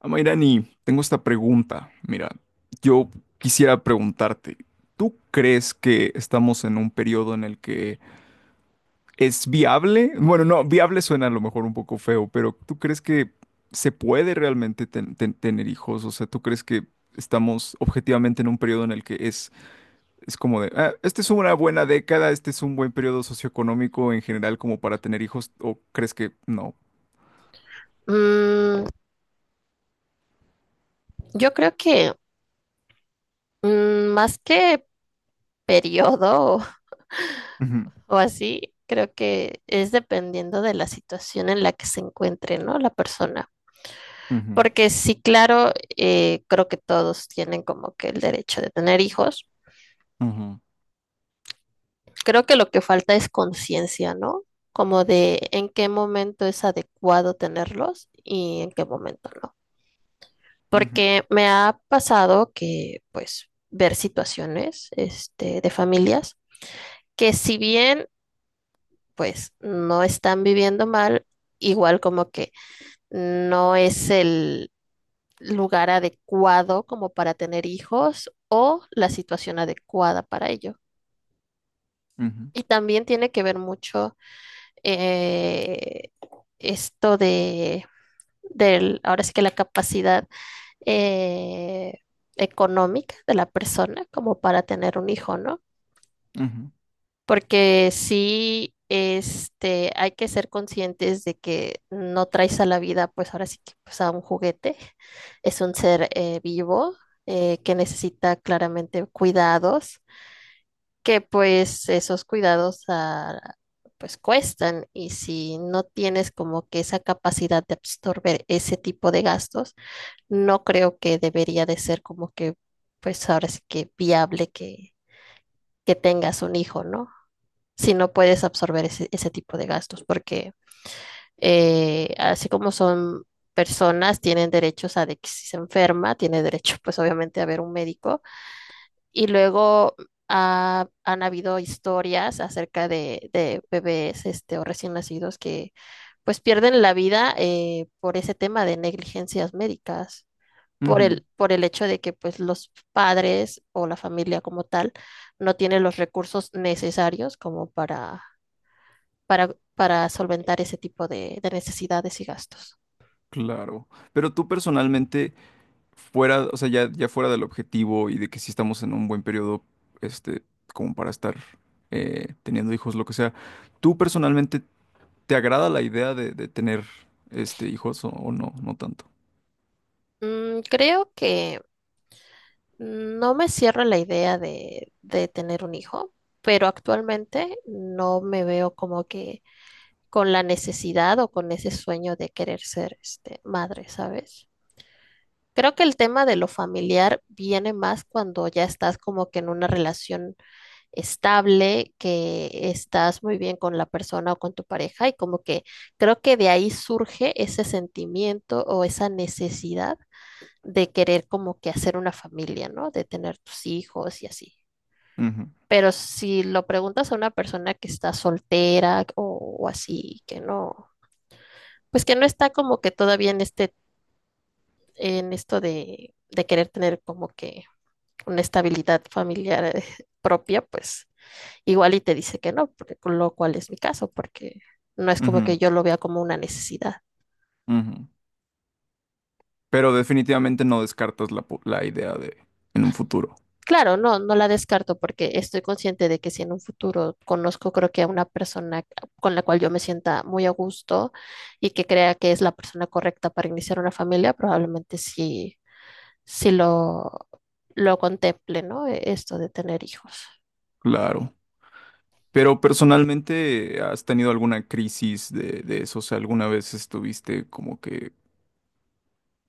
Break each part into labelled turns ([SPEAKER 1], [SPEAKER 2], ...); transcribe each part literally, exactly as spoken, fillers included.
[SPEAKER 1] Amairani, tengo esta pregunta. Mira, yo quisiera preguntarte, ¿tú crees que estamos en un periodo en el que es viable? Bueno, no, viable suena a lo mejor un poco feo, pero ¿tú crees que se puede realmente ten- ten- tener hijos? O sea, ¿tú crees que estamos objetivamente en un periodo en el que es, es como de, "Ah, esta es una buena década, este es un buen periodo socioeconómico en general como para tener hijos"? ¿O crees que no?
[SPEAKER 2] Mm, yo creo que mm, más que periodo o,
[SPEAKER 1] Ujú,
[SPEAKER 2] o así, creo que es dependiendo de la situación en la que se encuentre, ¿no? La persona.
[SPEAKER 1] ujú,
[SPEAKER 2] Porque sí, claro, eh, creo que todos tienen como que el derecho de tener hijos.
[SPEAKER 1] ujú,
[SPEAKER 2] Creo que lo que falta es conciencia, ¿no? Como de en qué momento es adecuado tenerlos y en qué momento no.
[SPEAKER 1] ujú,
[SPEAKER 2] Porque me ha pasado que, pues, ver situaciones, este, de familias que si bien pues no están viviendo mal, igual como que no es el lugar adecuado como para tener hijos o la situación adecuada para ello.
[SPEAKER 1] ujú,
[SPEAKER 2] Y también tiene que ver mucho eh, esto de, del, ahora sí que la capacidad eh, económica de la persona como para tener un hijo, ¿no?
[SPEAKER 1] ujú,
[SPEAKER 2] Porque sí, este, hay que ser conscientes de que no traes a la vida, pues ahora sí que pues a un juguete, es un ser eh, vivo eh, que necesita claramente cuidados, que pues esos cuidados ah, pues cuestan y si no tienes como que esa capacidad de absorber ese tipo de gastos, no creo que debería de ser como que pues ahora sí que viable que, que tengas un hijo, ¿no? Si no puedes absorber ese, ese tipo de gastos, porque eh, así como son personas, tienen derechos a de que si se enferma, tiene derecho pues obviamente a ver un médico. Y luego ha- han habido historias acerca de, de bebés este, o recién nacidos que pues pierden la vida eh, por ese tema de negligencias médicas, por
[SPEAKER 1] ujú.
[SPEAKER 2] el, por el hecho de que pues los padres o la familia como tal no tienen los recursos necesarios como para para, para solventar ese tipo de, de necesidades y gastos.
[SPEAKER 1] Claro, pero tú personalmente, fuera, o sea, ya, ya fuera del objetivo y de que sí estamos en un buen periodo, este, como para estar eh, teniendo hijos, lo que sea, ¿tú personalmente te agrada la idea de, de tener este, hijos o, o no? No tanto.
[SPEAKER 2] Mm, creo que no me cierro la idea de, de tener un hijo, pero actualmente no me veo como que con la necesidad o con ese sueño de querer ser este, madre, ¿sabes? Creo que el tema de lo familiar viene más cuando ya estás como que en una relación estable, que estás muy bien con la persona o con tu pareja y como que creo que de ahí surge ese sentimiento o esa necesidad de querer como que hacer una familia, ¿no? De tener tus hijos y así.
[SPEAKER 1] Ujú,
[SPEAKER 2] Pero si lo preguntas a una persona que está soltera o, o así, que no, pues que no está como que todavía en este, en esto de, de querer tener como que una estabilidad familiar eh, propia, pues igual y te dice que no, porque, con lo cual es mi caso, porque no es como que
[SPEAKER 1] ujú,
[SPEAKER 2] yo lo vea como una necesidad.
[SPEAKER 1] ujú. Pero definitivamente no descartas la, po- la idea de en un futuro.
[SPEAKER 2] Claro, no, no la descarto porque estoy consciente de que si en un futuro conozco, creo que a una persona con la cual yo me sienta muy a gusto y que crea que es la persona correcta para iniciar una familia, probablemente sí, sí lo, lo contemple, ¿no? E, esto de tener hijos.
[SPEAKER 1] Claro. Pero personalmente, ¿has tenido alguna crisis de, de eso? O sea, ¿alguna vez estuviste como que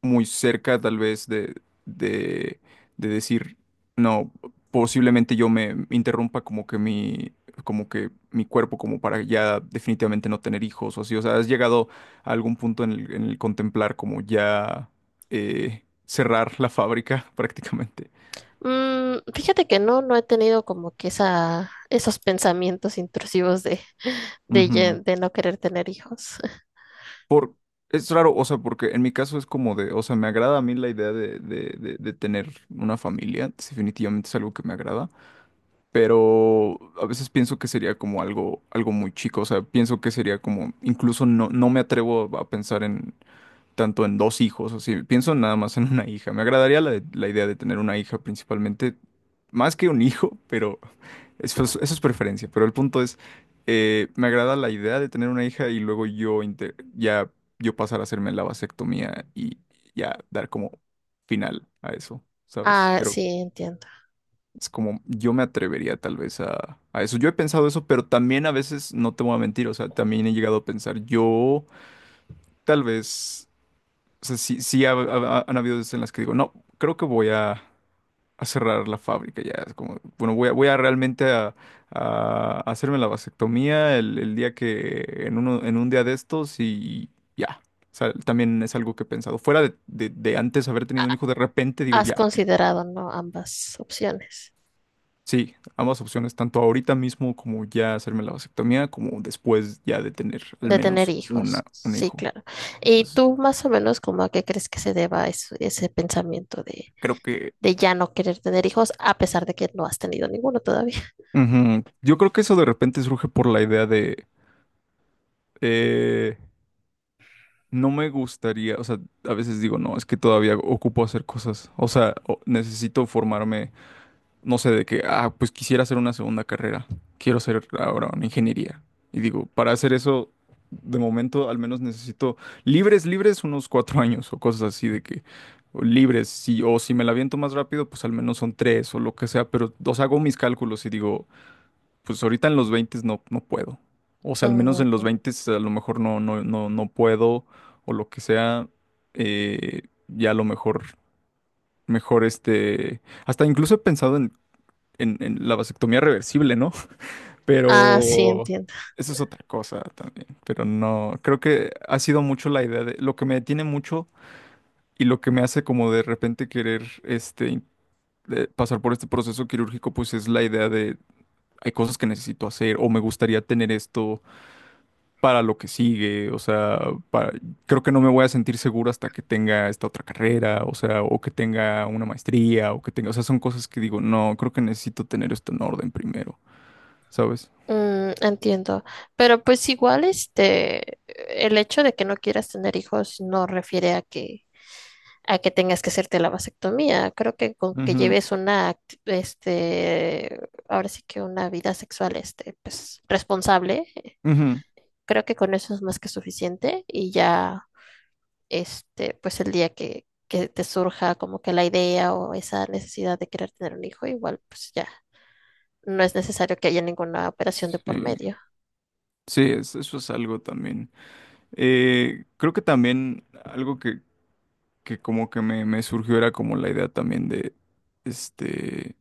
[SPEAKER 1] muy cerca tal vez de, de, de decir, no, posiblemente yo me interrumpa como que mi, como que mi cuerpo como para ya definitivamente no tener hijos o así? O sea, ¿has llegado a algún punto en el, en el contemplar como ya eh, cerrar la fábrica prácticamente?
[SPEAKER 2] Mm, fíjate que no, no he tenido como que esa, esos pensamientos intrusivos de, de, ye-
[SPEAKER 1] Ujú.
[SPEAKER 2] de no querer tener hijos.
[SPEAKER 1] Por, es raro, o sea, porque en mi caso es como de, o sea, me agrada a mí la idea de, de, de, de tener una familia, es definitivamente es algo que me agrada, pero a veces pienso que sería como algo, algo muy chico, o sea, pienso que sería como, incluso no, no me atrevo a pensar en tanto en dos hijos, o sea, pienso nada más en una hija, me agradaría la, la idea de tener una hija principalmente, más que un hijo, pero... Eso es, eso es preferencia, pero el punto es, eh, me agrada la idea de tener una hija y luego yo inte- ya yo pasar a hacerme la vasectomía y ya dar como final a eso, ¿sabes?
[SPEAKER 2] Ah,
[SPEAKER 1] Pero
[SPEAKER 2] sí, entiendo.
[SPEAKER 1] es como yo me atrevería tal vez a, a eso. Yo he pensado eso, pero también a veces no te voy a mentir, o sea, también he llegado a pensar, yo tal vez, o sea, sí, sí ha- ha- han habido veces en las que digo, no, creo que voy a a cerrar la fábrica ya. Es como, bueno, voy a, voy a realmente a, a hacerme la vasectomía el, el día que, en uno, en un día de estos y ya. O sea, también es algo que he pensado. Fuera de, de- de antes haber tenido un
[SPEAKER 2] Ha-
[SPEAKER 1] hijo, de repente digo
[SPEAKER 2] Has
[SPEAKER 1] ya.
[SPEAKER 2] considerado, ¿no? Ambas opciones
[SPEAKER 1] Sí, ambas opciones, tanto ahorita mismo como ya hacerme la vasectomía, como después ya de tener al
[SPEAKER 2] de tener
[SPEAKER 1] menos una,
[SPEAKER 2] hijos.
[SPEAKER 1] un
[SPEAKER 2] Sí,
[SPEAKER 1] hijo.
[SPEAKER 2] claro. ¿Y
[SPEAKER 1] Entonces,
[SPEAKER 2] tú más o menos como a qué crees que se deba eso- ese pensamiento de,
[SPEAKER 1] creo que...
[SPEAKER 2] de ya no querer tener hijos a pesar de que no has tenido ninguno todavía?
[SPEAKER 1] Ujú. Yo creo que eso de repente surge por la idea de... eh, No me gustaría, o sea, a veces digo, no, es que todavía ocupo hacer cosas, o sea, o- necesito formarme, no sé, de que, ah, pues quisiera hacer una segunda carrera, quiero hacer ahora una ingeniería. Y digo, para hacer eso, de momento al menos necesito libres, libres unos cuatro años o cosas así de que, o libres, si, o si me la aviento más rápido, pues al menos son tres o lo que sea, pero, o sea, hago mis cálculos y digo, pues ahorita en los veinte no, no puedo. O sea, al menos
[SPEAKER 2] Mm,
[SPEAKER 1] en los veinte a lo mejor no, no, no, no puedo o lo que sea. Eh, ya a lo mejor, mejor este... Hasta incluso he pensado en, en, en la vasectomía reversible, ¿no?
[SPEAKER 2] ah, sí,
[SPEAKER 1] Pero
[SPEAKER 2] entiendo.
[SPEAKER 1] eso es otra cosa también. Pero no, creo que ha sido mucho la idea de... Lo que me detiene mucho y lo que me hace como de repente querer este... in- de pasar por este proceso quirúrgico, pues es la idea de hay cosas que necesito hacer o me gustaría tener esto para lo que sigue, o sea, para- creo que no me voy a sentir seguro hasta que tenga esta otra carrera, o sea, o que tenga una maestría, o que tenga, o sea, son cosas que digo, no, creo que necesito tener esto en orden primero, ¿sabes?
[SPEAKER 2] Mm, entiendo, pero pues igual este, el hecho de que no quieras tener hijos no refiere a que a que tengas que hacerte la vasectomía. Creo que con que
[SPEAKER 1] Ujú,
[SPEAKER 2] lleves una, act- este, ahora sí que una vida sexual, este, pues responsable, eh,
[SPEAKER 1] ujú.
[SPEAKER 2] creo que con eso es más que suficiente y ya, este, pues el día que que te surja como que la idea o esa necesidad de querer tener un hijo, igual pues ya no es necesario que haya ninguna operación de por
[SPEAKER 1] Sí,
[SPEAKER 2] medio
[SPEAKER 1] sí, es- eso es algo también. Eh, creo que también algo que, que como que me, me surgió era como la idea también de, este...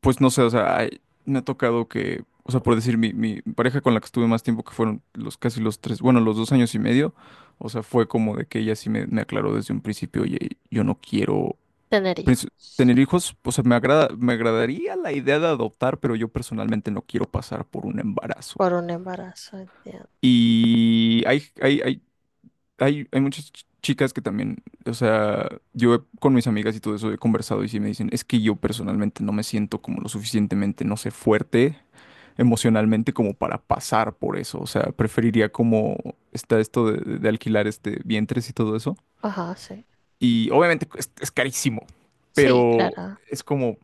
[SPEAKER 1] Pues no sé, o sea, ay, me ha tocado que, o sea, por decir, mi, mi pareja con la que estuve más tiempo, que fueron los casi los tres, bueno, los dos años y medio, o sea, fue como de que ella sí me, me aclaró desde un principio, oye, yo no quiero
[SPEAKER 2] tener hijos.
[SPEAKER 1] pues, tener hijos, o sea, me agrada, me agradaría la idea de adoptar, pero yo personalmente no quiero pasar por un embarazo.
[SPEAKER 2] Por un embarazo, entiendo.
[SPEAKER 1] Y hay, hay, hay hay, hay muchas ch- chicas que también, o sea, yo he- con mis amigas y todo eso he conversado y sí me dicen, es que yo personalmente no me siento como lo suficientemente, no sé, fuerte emocionalmente como para pasar por eso. O sea, preferiría como está esto de, de- de alquilar este vientres y todo eso.
[SPEAKER 2] Ajá, sí.
[SPEAKER 1] Y obviamente es, es carísimo,
[SPEAKER 2] Sí,
[SPEAKER 1] pero
[SPEAKER 2] claro.
[SPEAKER 1] es como,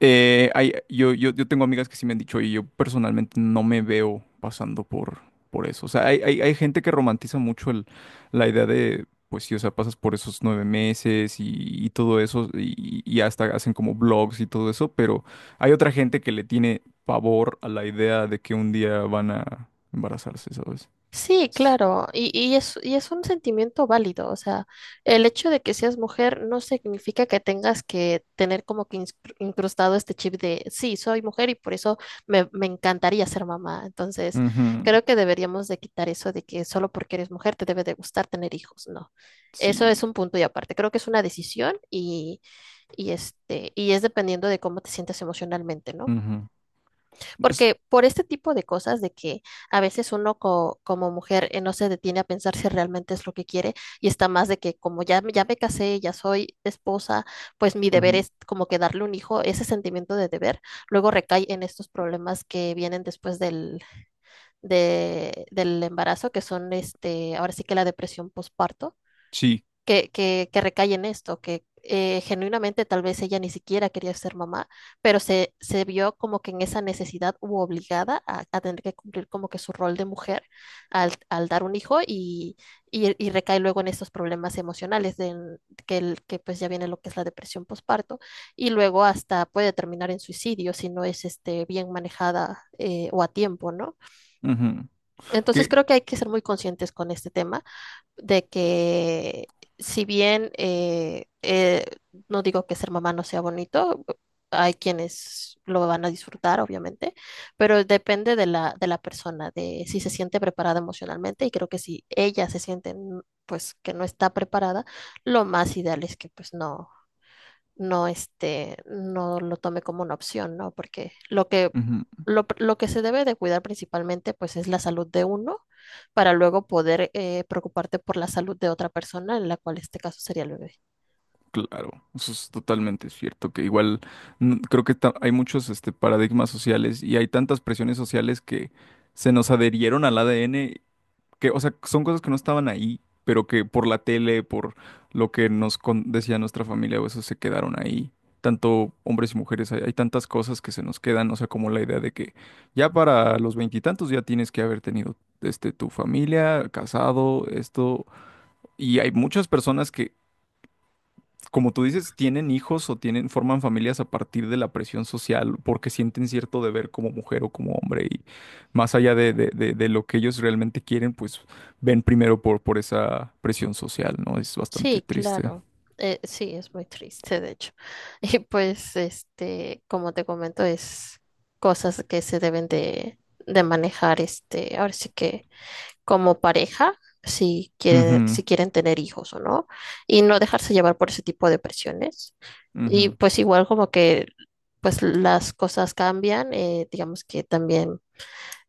[SPEAKER 1] eh, hay- yo, yo, yo tengo amigas que sí me han dicho, y yo personalmente no me veo pasando por, por eso. O sea, hay, hay, hay gente que romantiza mucho el, la idea de, pues sí, o sea, pasas por esos nueve meses y, y todo eso, y, y hasta hacen como blogs y todo eso, pero hay otra gente que le tiene pavor a la idea de que un día van a embarazarse, ¿sabes?
[SPEAKER 2] Sí, claro. Y, y es, y es un sentimiento válido. O sea, el hecho de que seas mujer no significa que tengas que tener como que ins- incrustado este chip de, sí, soy mujer y por eso me, me encantaría ser mamá. Entonces,
[SPEAKER 1] Ujú.
[SPEAKER 2] creo que deberíamos de quitar eso de que solo porque eres mujer te debe de gustar tener hijos. No. Eso es
[SPEAKER 1] Sí.
[SPEAKER 2] un punto y aparte. Creo que es una decisión y, y este, y es dependiendo de cómo te sientes emocionalmente, ¿no?
[SPEAKER 1] Ujú. Es-
[SPEAKER 2] Porque por este tipo de cosas de que a veces uno co- como mujer eh, no se detiene a pensar si realmente es lo que quiere y está más de que como ya, me- ya me casé, ya soy esposa, pues mi deber
[SPEAKER 1] ujú.
[SPEAKER 2] es como que darle un hijo, ese sentimiento de deber luego recae en estos problemas que vienen después del, de- del embarazo, que son este, ahora sí que la depresión postparto
[SPEAKER 1] Sí.
[SPEAKER 2] que, que, que recae en esto, que eh, genuinamente tal vez ella ni siquiera quería ser mamá, pero se, se vio como que en esa necesidad u obligada a, a tener que cumplir como que su rol de mujer al, al dar un hijo y, y- y recae luego en estos problemas emocionales de, que, el- que pues ya viene lo que es la depresión postparto y luego hasta puede terminar en suicidio si no es este, bien manejada eh, o a tiempo, ¿no?
[SPEAKER 1] Ujú.
[SPEAKER 2] Entonces
[SPEAKER 1] Que,
[SPEAKER 2] creo que hay que ser muy conscientes con este tema de que si bien eh, eh, no digo que ser mamá no sea bonito, hay quienes lo van a disfrutar, obviamente, pero depende de la, de la persona, de si se siente preparada emocionalmente y creo que si ella se siente mm, pues que no está preparada, lo más ideal es que pues no no, este, no lo tome como una opción, ¿no? Porque lo que,
[SPEAKER 1] ujú.
[SPEAKER 2] lo, lo que se debe de cuidar principalmente, pues, es la salud de uno para luego poder eh, preocuparte por la salud de otra persona, en la cual este caso sería el bebé.
[SPEAKER 1] Claro, eso es totalmente cierto, que igual mm, creo que ta- hay muchos este, paradigmas sociales y hay tantas presiones sociales que se nos adherieron al A D N, que, o sea, son cosas que no estaban ahí, pero que por la tele, por lo que nos con- decía nuestra familia, o eso se quedaron ahí. Tanto hombres y mujeres, hay, hay tantas cosas que se nos quedan, o sea, como la idea de que ya para los veintitantos ya tienes que haber tenido este, tu familia, casado, esto, y hay muchas personas que como tú dices, tienen hijos o tienen, forman familias a partir de la presión social porque sienten cierto deber como mujer o como hombre y más allá de, de- de- de lo que ellos realmente quieren, pues ven primero por, por esa presión social, ¿no? Es bastante
[SPEAKER 2] Sí,
[SPEAKER 1] triste.
[SPEAKER 2] claro. Eh, sí, es muy triste, de hecho. Y pues, este, como te comento, es cosas que se deben de, de manejar, este, ahora sí que como pareja si quieren,
[SPEAKER 1] Ujú,
[SPEAKER 2] si quieren tener hijos o no, y no dejarse llevar por ese tipo de presiones. Y
[SPEAKER 1] ujú,
[SPEAKER 2] pues igual como que pues las cosas cambian, eh, digamos que también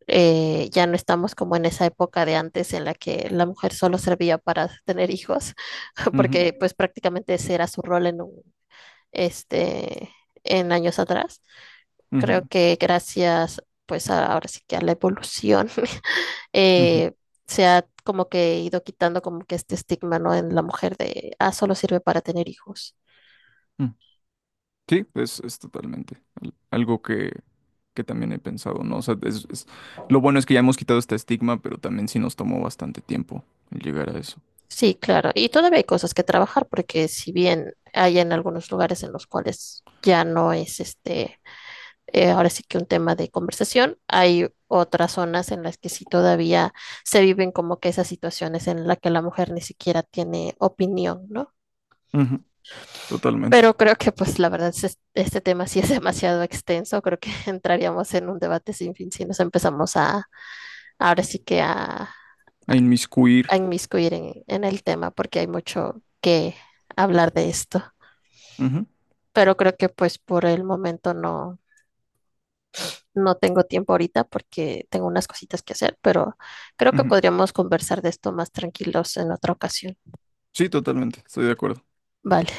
[SPEAKER 2] eh, ya no estamos como en esa época de antes en la que la mujer solo servía para tener hijos,
[SPEAKER 1] ujú,
[SPEAKER 2] porque pues prácticamente ese era su rol en un, este, en años atrás. Creo
[SPEAKER 1] ujú,
[SPEAKER 2] que gracias pues a- ahora sí que a la evolución
[SPEAKER 1] ujú,
[SPEAKER 2] eh, se ha como que ido quitando como que este estigma, ¿no? En la mujer de, ah, solo sirve para tener hijos.
[SPEAKER 1] ujú. Sí, es, es totalmente al- algo que, que también he pensado, ¿no? O sea, es- es- lo bueno es que ya hemos quitado este estigma, pero también sí nos tomó bastante tiempo el llegar a eso.
[SPEAKER 2] Sí, claro. Y todavía hay cosas que trabajar porque si bien hay en algunos lugares en los cuales ya no es este, eh, ahora sí que un tema de conversación, hay otras zonas en las que sí todavía se viven como que esas situaciones en las que la mujer ni siquiera tiene opinión, ¿no?
[SPEAKER 1] Ujú,
[SPEAKER 2] Pero
[SPEAKER 1] totalmente.
[SPEAKER 2] creo que, pues, la verdad, es- este tema sí es demasiado extenso. Creo que entraríamos en un debate sin fin si nos empezamos a, ahora sí que a,
[SPEAKER 1] A inmiscuir.
[SPEAKER 2] a inmiscuir en, en el tema, porque hay mucho que hablar de esto.
[SPEAKER 1] Ujú,
[SPEAKER 2] Pero creo que, pues, por el momento no, no tengo tiempo ahorita porque tengo unas cositas que hacer, pero creo que
[SPEAKER 1] ujú.
[SPEAKER 2] podríamos conversar de esto más tranquilos en otra ocasión.
[SPEAKER 1] Sí, totalmente, estoy de acuerdo.
[SPEAKER 2] Vale.